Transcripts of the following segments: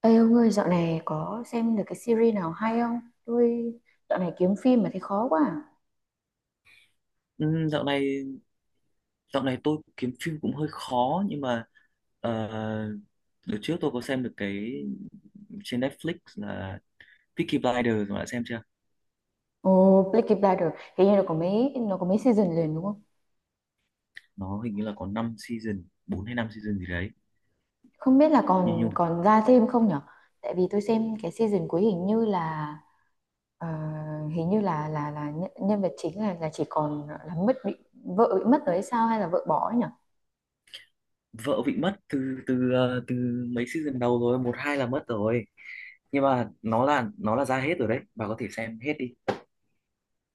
Ê ông ơi, dạo này có xem được cái series nào hay không? Tôi dạo này kiếm phim mà thấy khó quá. À. Ừ, dạo này tôi kiếm phim cũng hơi khó, nhưng mà uh, đợt trước tôi có xem được cái trên Netflix là Peaky Blinders, mà đã xem chưa? Ồ, Peaky Blinders, hình như nó có mấy season liền đúng không? Nó hình như là có 5 season, bốn hay năm season gì đấy. Không biết là Như còn nhung, còn ra thêm không nhở? Tại vì tôi xem cái season cuối hình như là ờ, hình như là nhân vật chính là chỉ còn là mất bị vợ bị mất rồi hay sao hay là vợ bỏ ấy nhở? vợ bị mất từ từ ờ, từ mấy season đầu rồi, một hai là mất rồi. Nhưng mà nó là ra hết rồi đấy, bà có thể xem hết đi.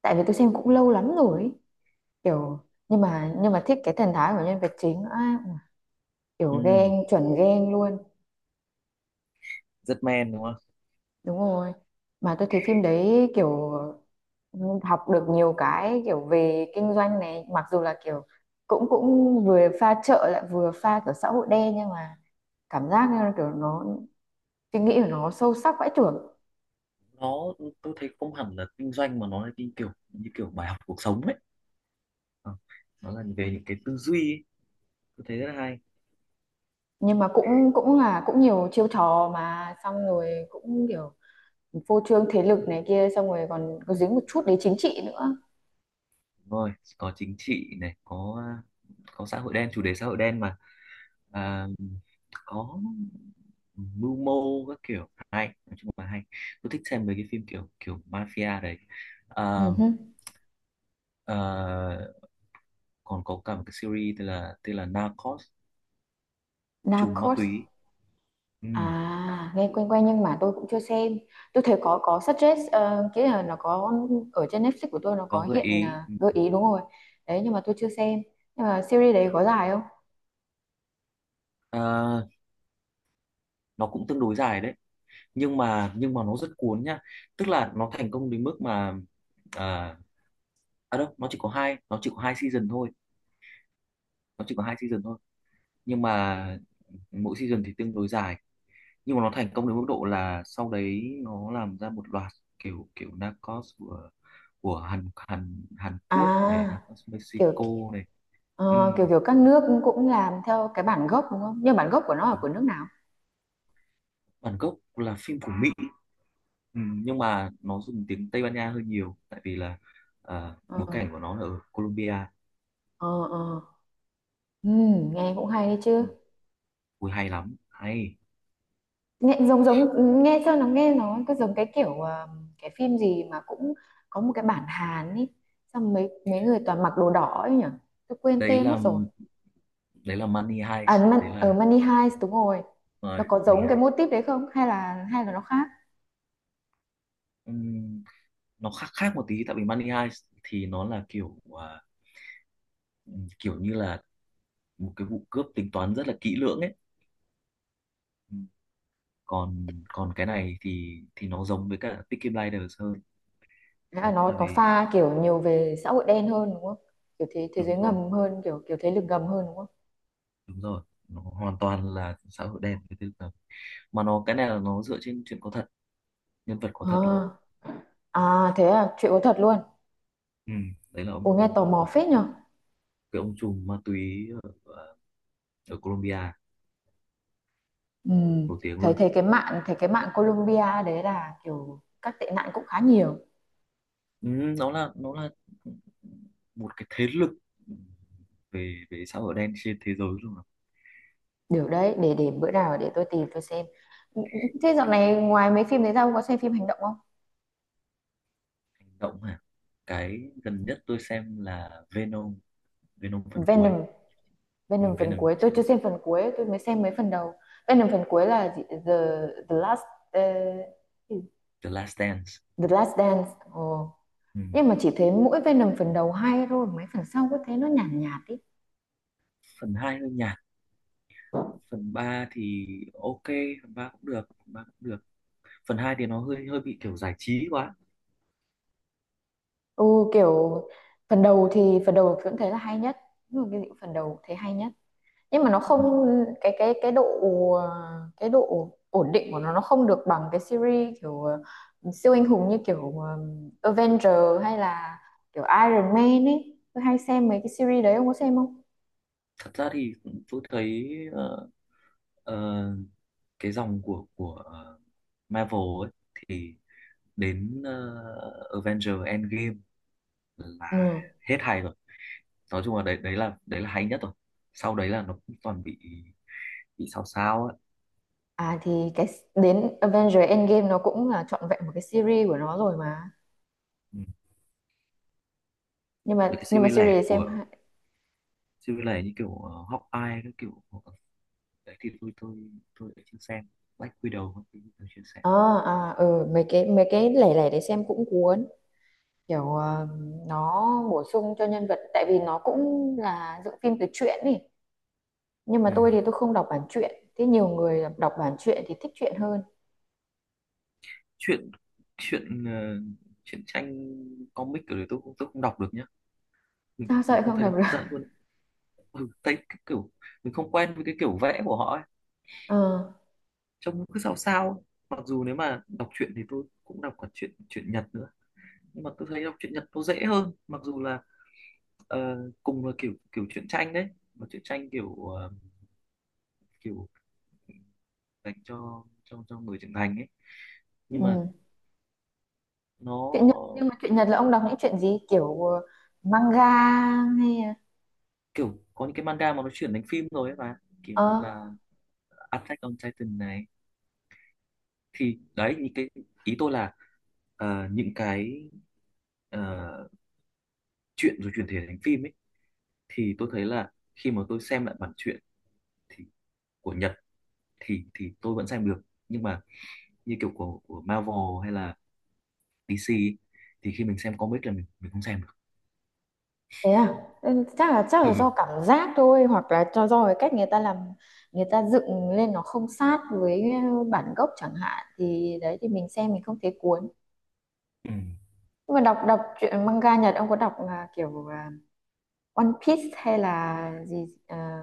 Tại vì tôi xem cũng lâu lắm rồi, ấy. Kiểu nhưng mà thích cái thần thái của nhân vật chính á, kiểu Ừ, ghen chuẩn ghen luôn rất men, đúng không? đúng rồi. Mà tôi thấy phim đấy kiểu học được nhiều cái kiểu về kinh doanh này, mặc dù là kiểu cũng cũng vừa pha chợ lại vừa pha kiểu xã hội đen, nhưng mà cảm giác như là kiểu nó suy nghĩ của nó sâu sắc vãi chưởng. Nó tôi thấy không hẳn là kinh doanh, mà nó là như kiểu bài học cuộc sống ấy. Ờ, Nó là về những cái tư duy ấy, tôi thấy rất là hay. Nhưng mà cũng cũng là cũng nhiều chiêu trò mà xong rồi cũng kiểu phô trương thế lực này kia, xong rồi còn có dính một chút đến chính trị nữa. Đúng rồi, có chính trị này, có xã hội đen, chủ đề xã hội đen mà. à, có mưu mô các kiểu, hay, nói chung là hay, tôi thích xem mấy cái phim kiểu kiểu mafia đấy. à, Uh-huh. à, còn có cả một cái series tên là Narcos, trùm ma Narcos. túy. Ừ, À, nghe quen quen nhưng mà tôi cũng chưa xem. Tôi thấy có suggest cái là nó có ở trên Netflix của tôi nó có có gợi hiện ý. gợi ý đúng rồi. Đấy nhưng mà tôi chưa xem. Nhưng mà series đấy có dài không? à, nó cũng tương đối dài đấy, nhưng mà nó rất cuốn nhá. Tức là nó thành công đến mức mà, à, đâu nó chỉ có hai season thôi, nó chỉ có hai season thôi nhưng mà mỗi season thì tương đối dài. Nhưng mà nó thành công đến mức độ là sau đấy nó làm ra một loạt kiểu kiểu Narcos của Hàn Hàn Hàn Quốc này, À, Narcos kiểu Mexico này. Ừ, ờ, kiểu kiểu các nước cũng làm theo cái bản gốc đúng không? Nhưng bản gốc của nó là đúng. của nước nào? Bản gốc là phim của Mỹ. Ừ, nhưng mà nó dùng tiếng Tây Ban Nha hơi nhiều, tại vì là Ờ bối cảnh của nó là ở Colombia. ờ. Nghe cũng hay đấy chứ. Ừ, ui, hay lắm, hay. Nghe giống giống, nghe nó cứ giống cái kiểu cái phim gì mà cũng có một cái bản Hàn ý, xong mấy mấy người toàn mặc đồ đỏ ấy nhỉ, tôi quên đấy tên mất là rồi. đấy là Money Heist, À Man, đấy ở là Money Heist đúng rồi. nó rồi có Money giống cái mô Heist. típ đấy không, hay là hay là nó khác? Ừ, nó khác khác một tí, tại vì Money Heist thì nó là kiểu như là một cái vụ cướp tính toán rất là kỹ lưỡng ấy. Ừ. còn còn cái này thì nó giống với cả Peaky Blinders hơn, Hay nó cũng nó là nó về. pha kiểu nhiều về xã hội đen hơn đúng không, kiểu thế thế Đúng giới rồi, ngầm hơn, kiểu kiểu thế lực ngầm hơn đúng không? đúng rồi, nó hoàn toàn là xã hội đen, cái thứ đó. Mà nó, cái này là nó dựa trên chuyện có thật, nhân vật có thật luôn. À, à thế à, chuyện có thật luôn? Ừ. Đấy là Ủa nghe ông, tò mò một phết nhỉ. cái ông trùm ma túy à, ở Colombia, Ừ. nổi tiếng Thấy luôn. Thấy cái mạng Colombia đấy là kiểu các tệ nạn cũng khá nhiều. Ừ, nó là một cái thế lực về về xã hội đen trên thế giới luôn, là... Điều đấy để bữa nào để tôi tìm tôi xem. Ừ, ừ, thế dạo này ngoài mấy phim đấy ra ông có xem phim hành động không? Hành động à? Cái gần nhất tôi xem là Venom Venom phần cuối. Venom, Ừ, Venom phần Venom cuối tôi chưa trên xem phần cuối, tôi mới xem mấy phần đầu. Venom phần cuối là gì? The Last uh, The Last Dance. The Last Dance. Ồ. Ừ. Nhưng mà chỉ thấy mỗi Venom phần đầu hay thôi, mấy phần sau cứ thấy nó nhàn nhạt ý. Phần 2 hơi nhạt, phần 3 thì ok, phần 3 cũng được, phần 3 cũng được, phần 2 thì nó hơi hơi bị kiểu giải trí quá. Ừ, kiểu phần đầu thì phần đầu vẫn thấy là hay nhất. Nhưng mà cái gì cũng phần đầu thấy hay nhất, nhưng mà nó không, cái độ ờ, cái độ ổn định của nó không được bằng cái series kiểu siêu anh hùng như kiểu Avenger hay là kiểu Iron Man ấy, tôi hay xem mấy cái series đấy ông có xem không? Thật ra thì tôi thấy ờ, ờ, cái dòng của Marvel ấy, thì đến Avengers Endgame là Ừ. hết hài, nói chung là đấy đấy là hay nhất rồi. Sau đấy là nó cũng toàn bị sao sao ấy. À thì cái, đến Avenger Endgame nó cũng là trọn vẹn một cái series của nó rồi mà. Ừ. Nhưng Với mà cái nhưng mà series series lẻ để xem hai- series lẻ như kiểu Hawkeye các kiểu, đấy thì tôi đã chưa xem Black Widow các thứ, tôi chưa xem. à, à ừ mấy cái lẻ lẻ để xem cũng cuốn, kiểu nó bổ sung cho nhân vật tại vì nó cũng là dựng phim từ truyện ý. Nhưng mà Ừ. tôi thì tôi không đọc bản truyện, thế nhiều người đọc bản truyện thì thích truyện hơn. chuyện chuyện ờ, Chuyện tranh, comic kiểu đấy tôi tôi không đọc được nhá. Sao vậy, Mình không không thấy nó đọc được? hấp dẫn luôn. Ừ, thấy cái kiểu mình không quen với cái kiểu vẽ của họ ấy, Ờ trông nó cứ sao sao ấy. Mặc dù nếu mà đọc truyện thì tôi cũng đọc cả truyện truyện Nhật nữa, nhưng mà tôi thấy đọc truyện Nhật nó dễ hơn, mặc dù là cùng là kiểu kiểu truyện tranh đấy. Mà truyện tranh kiểu dành cho người trưởng thành ấy, nhưng mà ừ. nó, Truyện Nhật, nhưng mà truyện Nhật là ông đọc những chuyện gì kiểu manga hay là- kiểu có những cái manga mà nó chuyển thành phim rồi ấy mà, kiểu như ờ là Attack on Titan này, thì đấy những cái, ý tôi là những cái ờ, truyện rồi chuyển thể thành phim ấy. Thì tôi thấy là khi mà tôi xem lại bản truyện, thì của Nhật, thì tôi vẫn xem được. Nhưng mà như kiểu của Marvel hay là DC ấy, thì khi mình xem comic là mình không xem được. thế à. Ừ, chắc là do cảm giác thôi, hoặc là cho do cái cách người ta làm, người ta dựng lên nó không sát với bản gốc chẳng hạn, thì đấy thì mình xem mình không thấy cuốn. Ừ. Nhưng mà đọc đọc truyện manga Nhật ông có đọc là kiểu à, One Piece hay là gì à,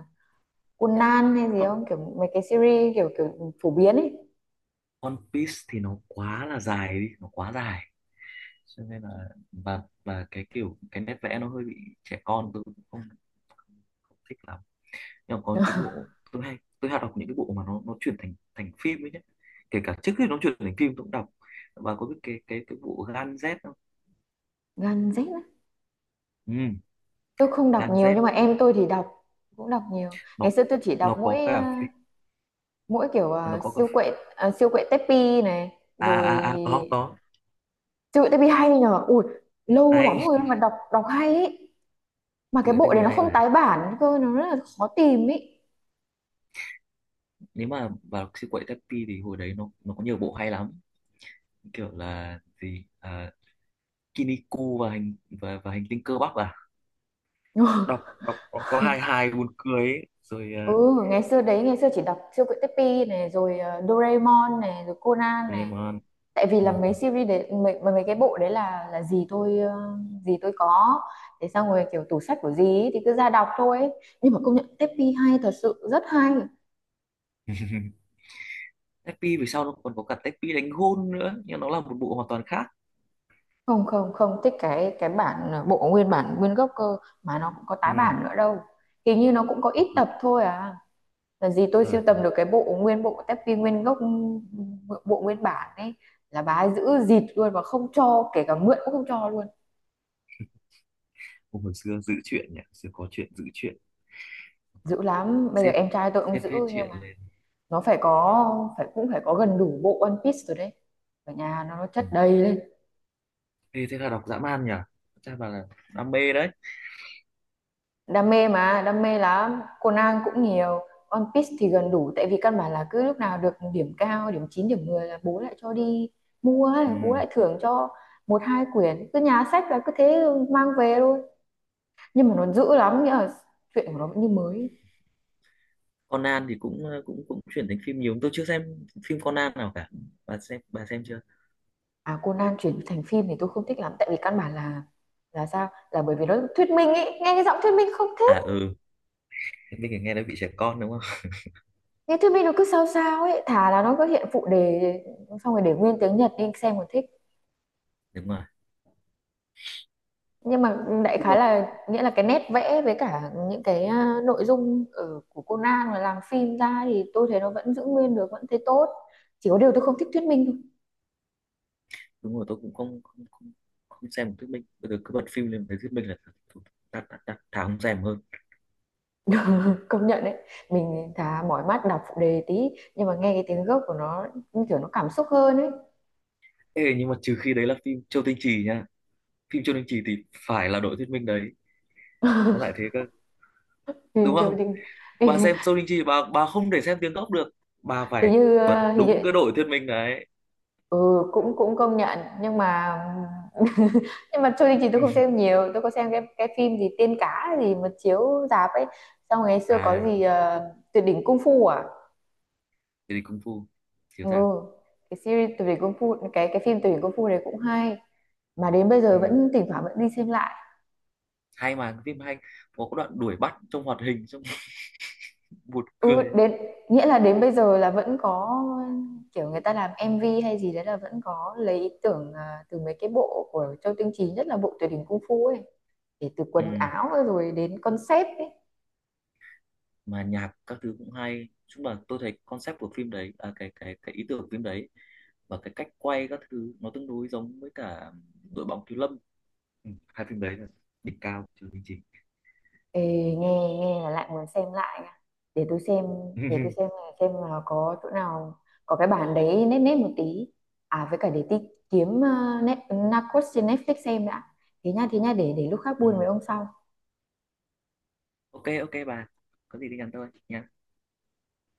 Conan hay gì One không, kiểu mấy cái series kiểu kiểu phổ biến ấy? One Piece thì nó quá là dài đi, nó quá dài, cho nên là, và cái nét vẽ nó hơi bị trẻ con, tôi cũng không thích lắm. Nhưng mà có những cái bộ tôi hay, đọc những cái bộ mà nó chuyển thành thành phim ấy nhé, kể cả trước khi nó chuyển thành phim tôi cũng đọc. Và có biết cái bộ Gan Z không? Gen Z á. Ừ, Tôi không đọc Gan Z, nhiều nhưng mà em tôi thì đọc, cũng đọc nhiều. Ngày nó xưa tôi chỉ đọc nó có mỗi cả mỗi kiểu nó có cả, siêu quệ Teppy này rồi. Có Siêu quệ Teppy hay nhờ ui, lâu lắm hay. rồi mà đọc đọc hay ấy. Mà Thực cái ra cái bộ gì này nó hay không mà, tái bản cơ, nó rất là khó tìm ấy. nếu mà vào siêu quậy Tappy thì hồi đấy nó có nhiều bộ hay lắm, kiểu là gì, Kiniku và hành tinh cơ bắp à? Đọc Đọc có hai hai buồn cười ấy. Rồi, Ừ, ngày xưa đấy, ngày xưa chỉ đọc siêu quệ Teppy này rồi Doraemon này rồi Conan này. Doraemon. Tại vì Ừ. là mấy series đấy mấy cái bộ đấy là gì tôi gì tôi có, thế xong rồi kiểu tủ sách của gì ấy, thì cứ ra đọc thôi ấy. Nhưng mà công nhận Teppy hay thật sự rất hay. Tepi về sau nó còn có cả Tepi đánh gôn nữa, nhưng nó là một bộ hoàn toàn khác. Không không không thích cái cái bản bộ nguyên bản nguyên gốc cơ, mà nó cũng có Ừ. tái bản nữa đâu. Hình như nó cũng có ít tập thôi à, là gì tôi Rồi. sưu tầm được cái bộ nguyên bộ Teppy nguyên gốc, bộ nguyên bản ấy. Là bà ấy giữ dịt luôn, và không cho, kể cả mượn cũng không cho luôn. Hồi xưa giữ chuyện nhỉ, xưa có chuyện, giữ chuyện, Dữ lắm, bây giờ xếp em trai tôi ông xếp giữ. hết Nhưng chuyện mà lên. nó phải có, phải cũng phải có gần đủ bộ One Piece rồi đấy, ở nhà nó Ừ. chất đầy lên. Ê, thế là đọc dã man nhỉ, chắc bà là đam mê đấy. Đam mê mà, đam mê lắm, Conan cũng nhiều. One Piece thì gần đủ, tại vì căn bản là cứ lúc nào được điểm cao, điểm 9 điểm 10 là bố lại cho đi mua, bố Ừ. lại thưởng cho một hai quyển, cứ nhà sách là cứ thế mang về thôi. Nhưng mà nó dữ lắm, nghĩa là chuyện của nó vẫn như mới. Conan thì cũng ờ, cũng cũng chuyển thành phim nhiều, tôi chưa xem phim Conan nào cả, bà xem chưa? À Conan chuyển thành phim thì tôi không thích lắm, tại vì căn bản là sao là bởi vì nó thuyết minh ấy, nghe cái giọng thuyết minh không. À, ừ. Minh thì nghe nói bị trẻ con, đúng không? Nghe thuyết minh nó cứ sao sao ấy, thà là nó cứ hiện phụ đề xong rồi để nguyên tiếng Nhật đi xem còn thích. Đúng rồi. Nhưng mà đại Phim khái một, là nghĩa là cái nét vẽ với cả những cái nội dung ở của Conan mà làm phim ra thì tôi thấy nó vẫn giữ nguyên được, vẫn thấy tốt. Chỉ có điều tôi không thích thuyết minh đúng rồi, tôi cũng không xem một thuyết minh, bây giờ cứ bật phim lên thấy thuyết minh là đặt đặt đặt thà không xem hơn. thôi. Công nhận đấy, mình thà mỏi mắt đọc phụ đề tí nhưng mà nghe cái tiếng gốc của nó như kiểu nó cảm xúc hơn ấy. Ê, nhưng mà trừ khi đấy là phim Châu Tinh Trì nha, phim Châu Tinh Trì thì phải là đội thuyết minh đấy, nó lại thế cơ, thì, đúng thì, không? thì, Bà xem Châu Tinh Trì, bà không thể xem tiếng gốc được, bà thì phải như bật ờ, thì như đúng cái đội thuyết minh đấy. ừ, cũng cũng công nhận nhưng mà nhưng mà Trôi Đình Chỉ tôi không xem nhiều, tôi có xem cái phim gì Tiên Cá gì mà chiếu rạp ấy. Xong ngày xưa có à gì Tuyệt đỉnh Cung Phu à. thế thì Kung Fu chiếu Ừ rạp. cái series Tuyệt đỉnh Cung Phu, cái phim Tuyệt đỉnh Cung Phu này cũng hay, mà đến bây giờ Ừ. vẫn thỉnh thoảng vẫn đi xem lại. Hay mà, cái phim hay, có cái đoạn đuổi bắt trong hoạt hình, xong buồn Ừ cười. đến, nghĩa là đến bây giờ là vẫn có kiểu người ta làm MV hay gì đấy là vẫn có lấy ý tưởng từ mấy cái bộ của Châu Tinh Trì, nhất là bộ Tuyệt đỉnh Cung Phu ấy, để từ quần Ừ. áo rồi đến concept ấy. Mà nhạc các thứ cũng hay, chung là tôi thấy concept của phim đấy, cái ý tưởng của phim đấy, và cái cách quay các thứ nó tương đối giống với cả đội bóng thiếu lâm. Ừ, hai phim đấy là đỉnh cao trừ bình trình. Ê, nghe nghe là lại muốn xem lại nha. Để tôi xem, để tôi xem là xem là có chỗ nào có cái bản đấy nét nét một tí. À với cả để tí kiếm net, Narcos trên Netflix xem đã. Thế nha để lúc khác Ừ. buôn với ông sau. Ok, ok bà, có gì thì nhắn tôi nha.